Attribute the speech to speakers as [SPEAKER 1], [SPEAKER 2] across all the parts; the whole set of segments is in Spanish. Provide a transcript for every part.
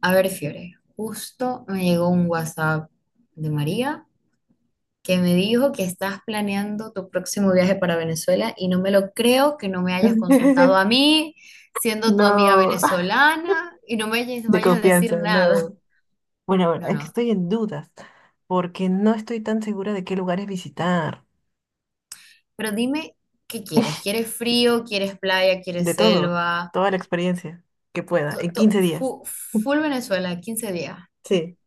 [SPEAKER 1] A ver, Fiore, justo me llegó un WhatsApp de María que me dijo que estás planeando tu próximo viaje para Venezuela y no me lo creo que no me hayas consultado a mí, siendo tu amiga
[SPEAKER 2] No,
[SPEAKER 1] venezolana, y no me hayas-
[SPEAKER 2] de
[SPEAKER 1] vayas a decir
[SPEAKER 2] confianza,
[SPEAKER 1] nada.
[SPEAKER 2] no. Bueno, bueno,
[SPEAKER 1] No,
[SPEAKER 2] es que
[SPEAKER 1] no,
[SPEAKER 2] estoy en dudas, porque no estoy tan segura de qué lugares visitar.
[SPEAKER 1] pero dime, ¿qué quieres? ¿Quieres frío? ¿Quieres playa?
[SPEAKER 2] De
[SPEAKER 1] ¿Quieres
[SPEAKER 2] todo,
[SPEAKER 1] selva?
[SPEAKER 2] toda la experiencia que pueda, en 15 días.
[SPEAKER 1] Full Venezuela, 15 días.
[SPEAKER 2] Sí,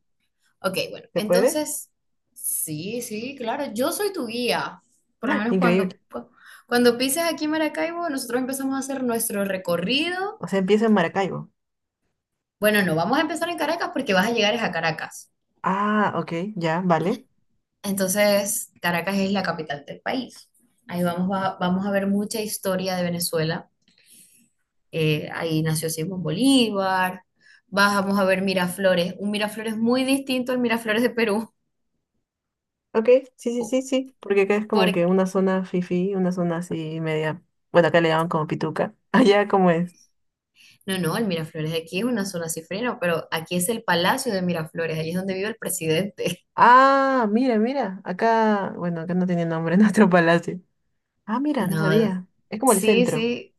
[SPEAKER 1] Ok, bueno,
[SPEAKER 2] ¿se puede?
[SPEAKER 1] entonces, sí, sí, claro, yo soy tu guía. Por lo menos
[SPEAKER 2] Increíble.
[SPEAKER 1] cuando pises aquí en Maracaibo, nosotros empezamos a hacer nuestro recorrido.
[SPEAKER 2] O sea, empiezo en Maracaibo.
[SPEAKER 1] Bueno, no, vamos a empezar en Caracas porque vas a llegar es a Caracas.
[SPEAKER 2] Ah, ok, ya, vale.
[SPEAKER 1] Entonces, Caracas es la capital del país. Ahí vamos a ver mucha historia de Venezuela. Ahí nació Simón Bolívar. Vamos a ver Miraflores, un Miraflores muy distinto al Miraflores de Perú.
[SPEAKER 2] Ok, sí, sí,
[SPEAKER 1] po-
[SPEAKER 2] sí, sí, porque acá es como
[SPEAKER 1] porque
[SPEAKER 2] que una zona fifí, una zona así media. Bueno, acá le llaman como pituca. Allá, ¿cómo es?
[SPEAKER 1] No, no, el Miraflores de aquí es una zona cifrina, pero aquí es el Palacio de Miraflores, allí es donde vive el presidente.
[SPEAKER 2] Ah, mira, mira, acá, bueno, acá no tiene nombre nuestro palacio. Ah, mira, no
[SPEAKER 1] No,
[SPEAKER 2] sabía. Es como el
[SPEAKER 1] sí,
[SPEAKER 2] centro.
[SPEAKER 1] sí,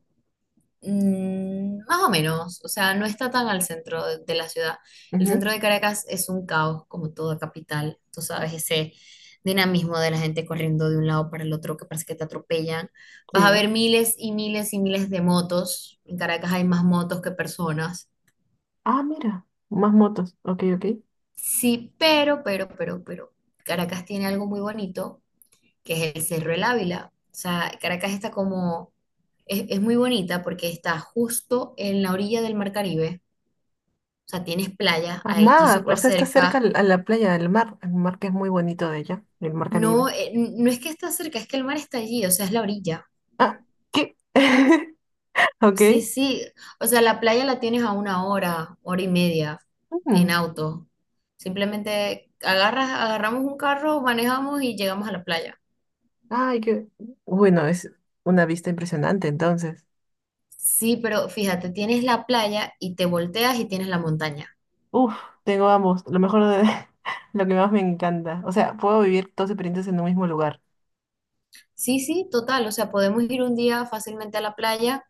[SPEAKER 1] más o menos, o sea, no está tan al centro de la ciudad. El
[SPEAKER 2] Ujú,
[SPEAKER 1] centro de Caracas es un caos, como toda capital, tú sabes, ese dinamismo de la gente corriendo de un lado para el otro que parece que te atropellan. Vas a ver
[SPEAKER 2] sí.
[SPEAKER 1] miles y miles y miles de motos. En Caracas hay más motos que personas.
[SPEAKER 2] Ah, mira. Más motos. Ok, ok.
[SPEAKER 1] Sí, pero, Caracas tiene algo muy bonito que es el Cerro El Ávila. O sea, Caracas está como, es muy bonita porque está justo en la orilla del Mar Caribe. O sea, tienes playa
[SPEAKER 2] Ah,
[SPEAKER 1] allí
[SPEAKER 2] mar. O
[SPEAKER 1] súper
[SPEAKER 2] sea, está cerca
[SPEAKER 1] cerca.
[SPEAKER 2] al- a la playa del mar. El mar que es muy bonito de allá. El mar
[SPEAKER 1] No,
[SPEAKER 2] Caribe.
[SPEAKER 1] no es que está cerca, es que el mar está allí, o sea, es la orilla.
[SPEAKER 2] Ah, ¿qué? Ok.
[SPEAKER 1] Sí, sí. O sea, la playa la tienes a una hora, hora y media en
[SPEAKER 2] Mm.
[SPEAKER 1] auto. Simplemente agarramos un carro, manejamos y llegamos a la playa.
[SPEAKER 2] Ay, qué. Bueno, es una vista impresionante entonces.
[SPEAKER 1] Sí, pero fíjate, tienes la playa y te volteas y tienes la montaña.
[SPEAKER 2] Uf, tengo ambos. Lo mejor de lo que más me encanta. O sea, puedo vivir dos experiencias en un mismo lugar.
[SPEAKER 1] Sí, sí, total. O sea, podemos ir un día fácilmente a la playa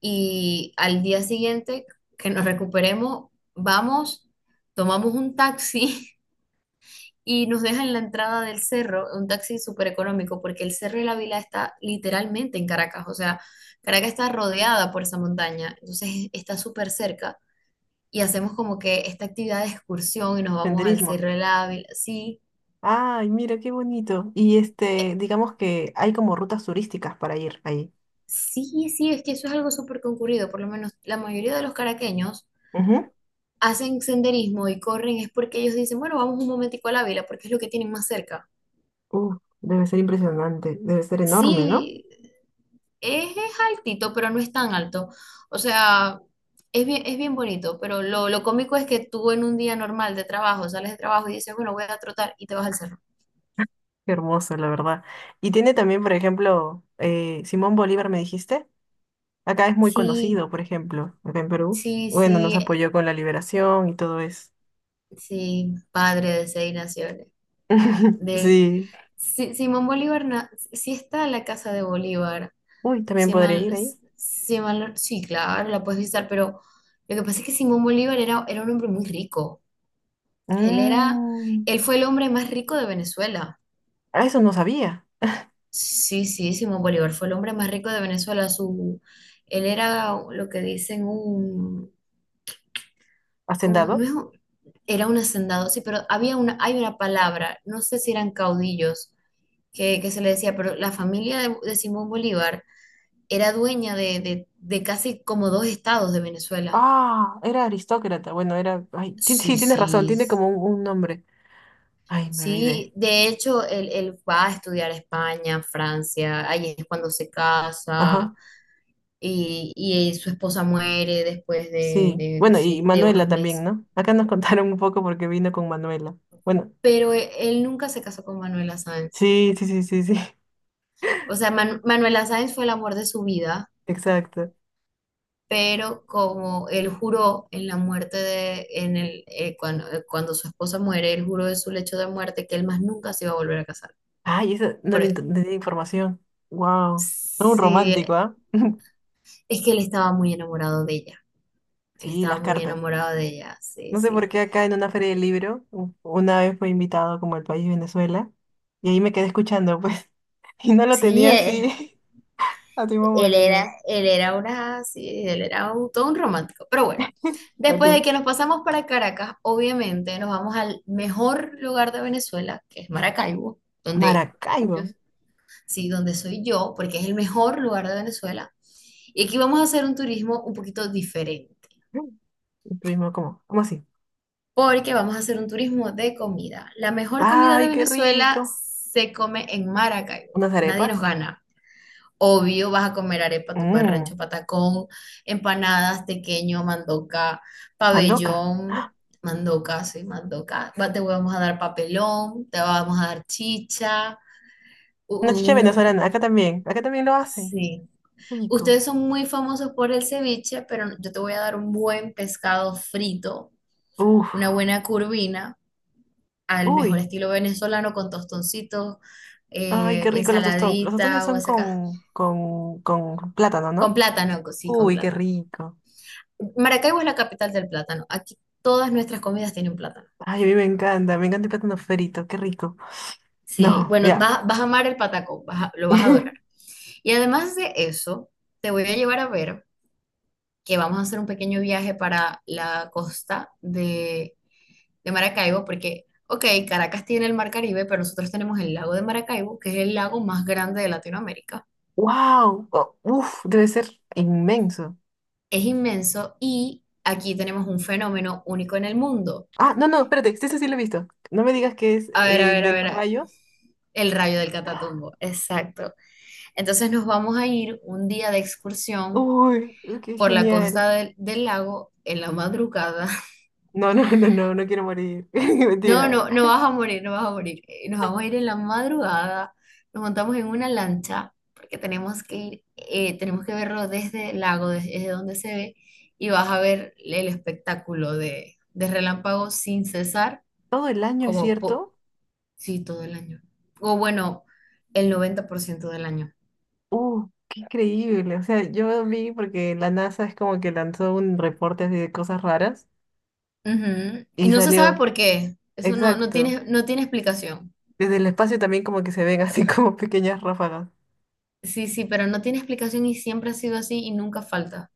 [SPEAKER 1] y al día siguiente que nos recuperemos, vamos, tomamos un taxi y nos dejan en la entrada del cerro, un taxi súper económico, porque el Cerro de la Vila está literalmente en Caracas. O sea, Caracas está rodeada por esa montaña, entonces está súper cerca y hacemos como que esta actividad de excursión y nos vamos al
[SPEAKER 2] Senderismo.
[SPEAKER 1] Cerro de la Vila. Sí,
[SPEAKER 2] Ay, mira qué bonito. Y este, digamos que hay como rutas turísticas para ir ahí.
[SPEAKER 1] sí, sí, es que eso es algo súper concurrido. Por lo menos la mayoría de los caraqueños
[SPEAKER 2] Ujú.
[SPEAKER 1] hacen senderismo y corren es porque ellos dicen, bueno, vamos un momentico a la vela porque es lo que tienen más cerca.
[SPEAKER 2] Uf, debe ser impresionante, debe ser enorme, ¿no?
[SPEAKER 1] Sí, es altito, pero no es tan alto. O sea, es bien bonito, pero lo cómico es que tú en un día normal de trabajo, sales de trabajo y dices, bueno, voy a trotar y te vas al cerro.
[SPEAKER 2] Qué hermoso, la verdad. Y tiene también, por ejemplo, Simón Bolívar, me dijiste. Acá es muy
[SPEAKER 1] Sí,
[SPEAKER 2] conocido, por ejemplo, acá en Perú.
[SPEAKER 1] sí,
[SPEAKER 2] Bueno, nos
[SPEAKER 1] sí,
[SPEAKER 2] apoyó con la liberación y todo eso.
[SPEAKER 1] sí, padre de seis naciones. De,
[SPEAKER 2] Sí.
[SPEAKER 1] Simón Bolívar, sí está la casa de Bolívar.
[SPEAKER 2] Uy, también
[SPEAKER 1] Si
[SPEAKER 2] podré
[SPEAKER 1] mal,
[SPEAKER 2] ir ahí.
[SPEAKER 1] si mal no- Sí, claro, la puedes visitar, pero lo que pasa es que Simón Bolívar era un hombre muy rico. Él era,
[SPEAKER 2] Mm,
[SPEAKER 1] él fue el hombre más rico de Venezuela.
[SPEAKER 2] ah, eso no sabía.
[SPEAKER 1] Sí, sí, Simón Bolívar fue el hombre más rico de Venezuela. Él era lo que dicen como, no
[SPEAKER 2] ¿Hacendado?
[SPEAKER 1] es un- era un hacendado, sí, pero hay una palabra, no sé si eran caudillos que se le decía, pero la familia de Simón Bolívar era dueña de casi como dos estados de Venezuela.
[SPEAKER 2] Ah, era aristócrata. Bueno, era. Ay, sí,
[SPEAKER 1] Sí,
[SPEAKER 2] tienes razón,
[SPEAKER 1] sí,
[SPEAKER 2] tiene como un nombre. Ay, me olvidé.
[SPEAKER 1] sí. De hecho, él va a estudiar a España, Francia, ahí es cuando se
[SPEAKER 2] Ajá,
[SPEAKER 1] casa y su esposa muere después
[SPEAKER 2] sí.
[SPEAKER 1] de
[SPEAKER 2] Bueno, y
[SPEAKER 1] si- de unos
[SPEAKER 2] Manuela también,
[SPEAKER 1] meses.
[SPEAKER 2] ¿no? Acá nos contaron un poco porque vino con Manuela. Bueno,
[SPEAKER 1] Pero él nunca se casó con Manuela Sáenz.
[SPEAKER 2] sí, sí, sí, sí, sí.
[SPEAKER 1] O sea, Manuela Sáenz fue el amor de su vida,
[SPEAKER 2] Exacto.
[SPEAKER 1] pero como él juró en la muerte de, en el, cuando su esposa muere, él juró de su lecho de muerte que él más nunca se iba a volver a casar.
[SPEAKER 2] Ay, eso no
[SPEAKER 1] Por- e,
[SPEAKER 2] no tenía información. Wow. Todo un
[SPEAKER 1] Sí,
[SPEAKER 2] romántico, ¿ah?
[SPEAKER 1] es que él estaba muy enamorado de ella. Él
[SPEAKER 2] Sí,
[SPEAKER 1] estaba
[SPEAKER 2] las
[SPEAKER 1] muy
[SPEAKER 2] cartas.
[SPEAKER 1] enamorado de ella, sí,
[SPEAKER 2] No sé por
[SPEAKER 1] sí.
[SPEAKER 2] qué acá en una feria del libro, una vez fue invitado como el país Venezuela, y ahí me quedé escuchando, pues, y no lo
[SPEAKER 1] Sí,
[SPEAKER 2] tenía así a Simón Bolívar.
[SPEAKER 1] Sí, todo un romántico. Pero bueno, después de
[SPEAKER 2] Ok.
[SPEAKER 1] que nos pasamos para Caracas, obviamente nos vamos al mejor lugar de Venezuela, que es Maracaibo,
[SPEAKER 2] Maracaibo.
[SPEAKER 1] yo, sí, donde soy yo, porque es el mejor lugar de Venezuela. Y aquí vamos a hacer un turismo un poquito diferente
[SPEAKER 2] Y estuvimos como, ¿cómo así?
[SPEAKER 1] porque vamos a hacer un turismo de comida. La mejor comida de
[SPEAKER 2] ¡Ay, qué
[SPEAKER 1] Venezuela
[SPEAKER 2] rico!
[SPEAKER 1] se come en Maracaibo.
[SPEAKER 2] Unas
[SPEAKER 1] Nadie nos
[SPEAKER 2] arepas.
[SPEAKER 1] gana. Obvio, vas a comer arepa,
[SPEAKER 2] Mmm,
[SPEAKER 1] tumbarrancho, patacón, empanadas, tequeño, mandoca,
[SPEAKER 2] mandoca.
[SPEAKER 1] pabellón, mandoca, sí, mandoca. Te vamos a dar papelón, te vamos a dar chicha,
[SPEAKER 2] Una chicha
[SPEAKER 1] un.
[SPEAKER 2] venezolana. Acá también. Acá también lo hacen.
[SPEAKER 1] Sí.
[SPEAKER 2] Rico.
[SPEAKER 1] Ustedes son muy famosos por el ceviche, pero yo te voy a dar un buen pescado frito, una
[SPEAKER 2] Uf.
[SPEAKER 1] buena curvina al mejor
[SPEAKER 2] Uy.
[SPEAKER 1] estilo venezolano con tostoncitos,
[SPEAKER 2] Ay, qué rico los tostones. Los tostones
[SPEAKER 1] ensaladita o
[SPEAKER 2] son con plátano,
[SPEAKER 1] con
[SPEAKER 2] ¿no?
[SPEAKER 1] plátano, sí, con
[SPEAKER 2] Uy, qué
[SPEAKER 1] plátano.
[SPEAKER 2] rico.
[SPEAKER 1] Maracaibo es la capital del plátano. Aquí todas nuestras comidas tienen plátano.
[SPEAKER 2] Ay, a mí me encanta. Me encanta el plátano frito. Qué rico.
[SPEAKER 1] Sí,
[SPEAKER 2] No,
[SPEAKER 1] bueno,
[SPEAKER 2] ya.
[SPEAKER 1] vas a amar el patacón, lo vas a adorar. Y además de eso, te voy a llevar a ver que vamos a hacer un pequeño viaje para la costa de Maracaibo, porque, ok, Caracas tiene el Mar Caribe, pero nosotros tenemos el lago de Maracaibo, que es el lago más grande de Latinoamérica.
[SPEAKER 2] ¡Wow! Uf, debe ser inmenso.
[SPEAKER 1] Es inmenso y aquí tenemos un fenómeno único en el mundo.
[SPEAKER 2] Ah, no, no, espérate, sí, ese sí lo he visto. No me digas que es
[SPEAKER 1] A ver, a
[SPEAKER 2] el
[SPEAKER 1] ver, a
[SPEAKER 2] de
[SPEAKER 1] ver,
[SPEAKER 2] los rayos.
[SPEAKER 1] el rayo del Catatumbo, exacto. Entonces nos vamos a ir un día de excursión
[SPEAKER 2] Uy, qué
[SPEAKER 1] por la
[SPEAKER 2] genial.
[SPEAKER 1] costa del lago en la madrugada.
[SPEAKER 2] No, no, no, no, no quiero morir.
[SPEAKER 1] No,
[SPEAKER 2] Mentira.
[SPEAKER 1] no, no vas a morir, no vas a morir. Nos vamos a ir en la madrugada, nos montamos en una lancha porque tenemos que verlo desde el lago, desde donde se ve, y vas a ver el espectáculo de relámpagos sin cesar.
[SPEAKER 2] Todo el año, ¿es
[SPEAKER 1] como po-
[SPEAKER 2] cierto?
[SPEAKER 1] Sí, todo el año. O bueno, el 90% del año.
[SPEAKER 2] Qué increíble. O sea, yo vi porque la NASA es como que lanzó un reporte así de cosas raras
[SPEAKER 1] Ujú. Y
[SPEAKER 2] y
[SPEAKER 1] no se sabe
[SPEAKER 2] salió.
[SPEAKER 1] por qué. Eso no, no
[SPEAKER 2] Exacto.
[SPEAKER 1] tiene, no tiene explicación.
[SPEAKER 2] Desde el espacio también como que se ven así como pequeñas ráfagas.
[SPEAKER 1] Sí, sí, pero no tiene explicación y siempre ha sido así y nunca falta.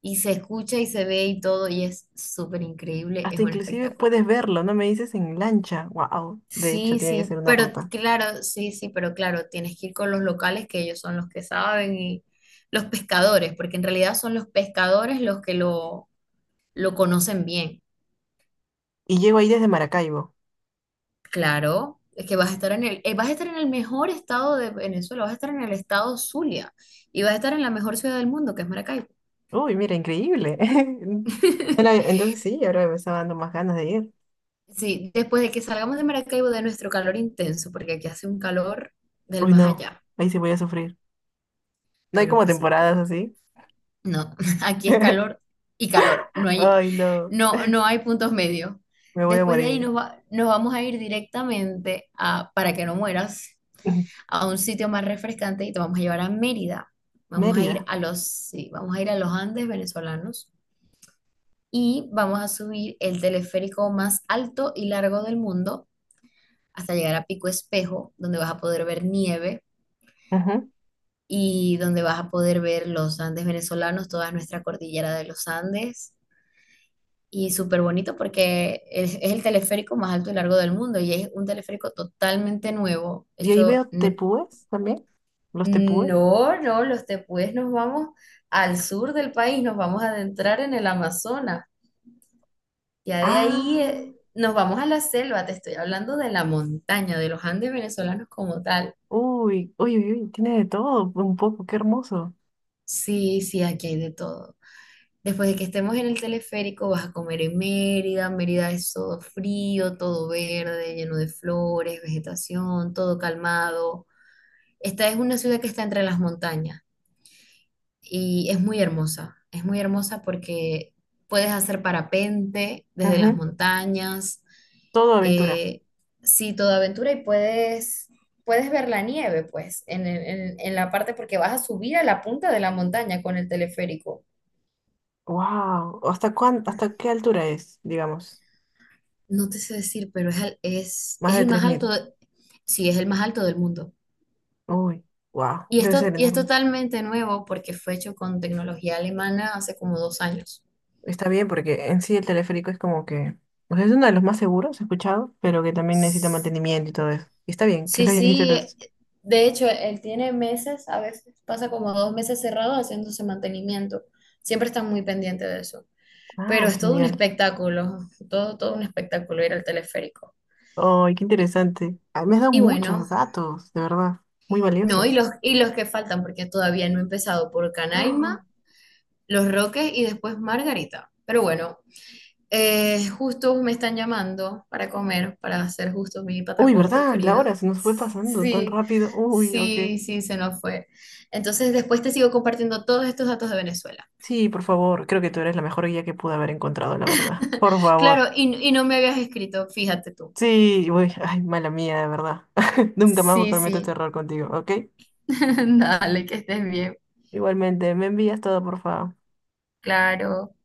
[SPEAKER 1] Y se escucha y se ve y todo y es súper increíble, es
[SPEAKER 2] Hasta
[SPEAKER 1] un
[SPEAKER 2] inclusive
[SPEAKER 1] espectáculo.
[SPEAKER 2] puedes verlo, ¿no me dices? En lancha. Wow. De hecho,
[SPEAKER 1] Sí,
[SPEAKER 2] tiene que ser
[SPEAKER 1] sí,
[SPEAKER 2] una
[SPEAKER 1] pero
[SPEAKER 2] ruta.
[SPEAKER 1] claro, sí, sí, pero claro, tienes que ir con los locales que ellos son los que saben y los pescadores, porque en realidad son los pescadores los que lo conocen bien.
[SPEAKER 2] Y llego ahí desde Maracaibo.
[SPEAKER 1] Claro, es que vas a estar en el mejor estado de Venezuela, vas a estar en el estado Zulia y vas a estar en la mejor ciudad del mundo, que es Maracaibo.
[SPEAKER 2] Uy, mira, increíble. No la- Entonces sí, ahora me está dando más ganas de ir.
[SPEAKER 1] Sí, después de que salgamos de Maracaibo de nuestro calor intenso, porque aquí hace un calor del
[SPEAKER 2] Uy,
[SPEAKER 1] más
[SPEAKER 2] no,
[SPEAKER 1] allá.
[SPEAKER 2] ahí sí voy a sufrir. No hay
[SPEAKER 1] Bueno,
[SPEAKER 2] como
[SPEAKER 1] pues sí,
[SPEAKER 2] temporadas
[SPEAKER 1] pero
[SPEAKER 2] así.
[SPEAKER 1] no, aquí es calor y calor,
[SPEAKER 2] Ay, no,
[SPEAKER 1] no, no hay puntos medios.
[SPEAKER 2] me voy a
[SPEAKER 1] Después de ahí
[SPEAKER 2] morir.
[SPEAKER 1] nos vamos a ir directamente a para que no mueras,
[SPEAKER 2] Ujú.
[SPEAKER 1] a un sitio más refrescante y te vamos a llevar a Mérida. Vamos a ir
[SPEAKER 2] Mérida.
[SPEAKER 1] a los, Sí, vamos a ir a los Andes venezolanos y vamos a subir el teleférico más alto y largo del mundo hasta llegar a Pico Espejo, donde vas a poder ver nieve
[SPEAKER 2] Ujú.
[SPEAKER 1] y donde vas a poder ver los Andes venezolanos, toda nuestra cordillera de los Andes. Y súper bonito porque es el teleférico más alto y largo del mundo y es un teleférico totalmente nuevo.
[SPEAKER 2] Y ahí veo tepúes también. Los tepúes.
[SPEAKER 1] No, no, los tepuyes nos vamos al sur del país, nos vamos a adentrar en el Amazonas. Ya de ahí
[SPEAKER 2] Ah,
[SPEAKER 1] nos vamos a la selva, te estoy hablando de la montaña, de los Andes venezolanos como tal.
[SPEAKER 2] uy, uy, uy, uy, tiene de todo, un poco, qué hermoso.
[SPEAKER 1] Sí, sí, aquí hay de todo. Después de que estemos en el teleférico, vas a comer en Mérida. Mérida es todo frío, todo verde, lleno de flores, vegetación, todo calmado. Esta es una ciudad que está entre las montañas, y es muy hermosa. Es muy hermosa porque puedes hacer parapente desde las
[SPEAKER 2] Ujú.
[SPEAKER 1] montañas,
[SPEAKER 2] Todo aventura.
[SPEAKER 1] eh, sí, toda aventura y puedes ver la nieve, pues, en la parte porque vas a subir a la punta de la montaña con el teleférico.
[SPEAKER 2] Wow. ¿Hasta qué altura es, digamos?
[SPEAKER 1] No te sé decir, pero es, al- es,
[SPEAKER 2] Más
[SPEAKER 1] es
[SPEAKER 2] de
[SPEAKER 1] el
[SPEAKER 2] tres
[SPEAKER 1] más alto,
[SPEAKER 2] mil
[SPEAKER 1] sí, es el más alto del mundo.
[SPEAKER 2] Uy, wow,
[SPEAKER 1] Y
[SPEAKER 2] debe
[SPEAKER 1] esto,
[SPEAKER 2] ser
[SPEAKER 1] y es
[SPEAKER 2] enorme.
[SPEAKER 1] totalmente nuevo porque fue hecho con tecnología alemana hace como 2 años.
[SPEAKER 2] Está bien porque en sí el teleférico es como que, o sea, es uno de los más seguros, he escuchado, pero que también necesita mantenimiento y todo eso. Y está bien que
[SPEAKER 1] Sí,
[SPEAKER 2] lo hayan hecho
[SPEAKER 1] sí,
[SPEAKER 2] los...
[SPEAKER 1] de hecho, él tiene meses, a veces pasa como 2 meses cerrado haciéndose mantenimiento. Siempre están muy pendientes de eso. Pero
[SPEAKER 2] Ah,
[SPEAKER 1] es todo un
[SPEAKER 2] genial.
[SPEAKER 1] espectáculo, todo un espectáculo ir al teleférico.
[SPEAKER 2] Ay, qué interesante. Ah, me has dado
[SPEAKER 1] Y bueno,
[SPEAKER 2] muchos datos, de verdad, muy
[SPEAKER 1] no, y
[SPEAKER 2] valiosos.
[SPEAKER 1] los, y los que faltan, porque todavía no he empezado por Canaima,
[SPEAKER 2] ¡Ah!
[SPEAKER 1] Los Roques y después Margarita. Pero bueno, justo me están llamando para comer, para hacer justo mi
[SPEAKER 2] Uy,
[SPEAKER 1] patacón
[SPEAKER 2] ¿verdad? La
[SPEAKER 1] preferido.
[SPEAKER 2] hora se nos fue pasando tan
[SPEAKER 1] Sí,
[SPEAKER 2] rápido. Uy, ok.
[SPEAKER 1] sí, sí, se nos fue. Entonces después te sigo compartiendo todos estos datos de Venezuela.
[SPEAKER 2] Sí, por favor, creo que tú eres la mejor guía que pude haber encontrado, la verdad. Por favor.
[SPEAKER 1] Claro, y no me habías escrito, fíjate tú.
[SPEAKER 2] Sí, uy, ay, mala mía, de verdad. Nunca más voy a
[SPEAKER 1] Sí,
[SPEAKER 2] cometer este
[SPEAKER 1] sí.
[SPEAKER 2] error contigo, ¿ok?
[SPEAKER 1] Dale, que estés bien.
[SPEAKER 2] Igualmente, me envías todo, por favor.
[SPEAKER 1] Claro.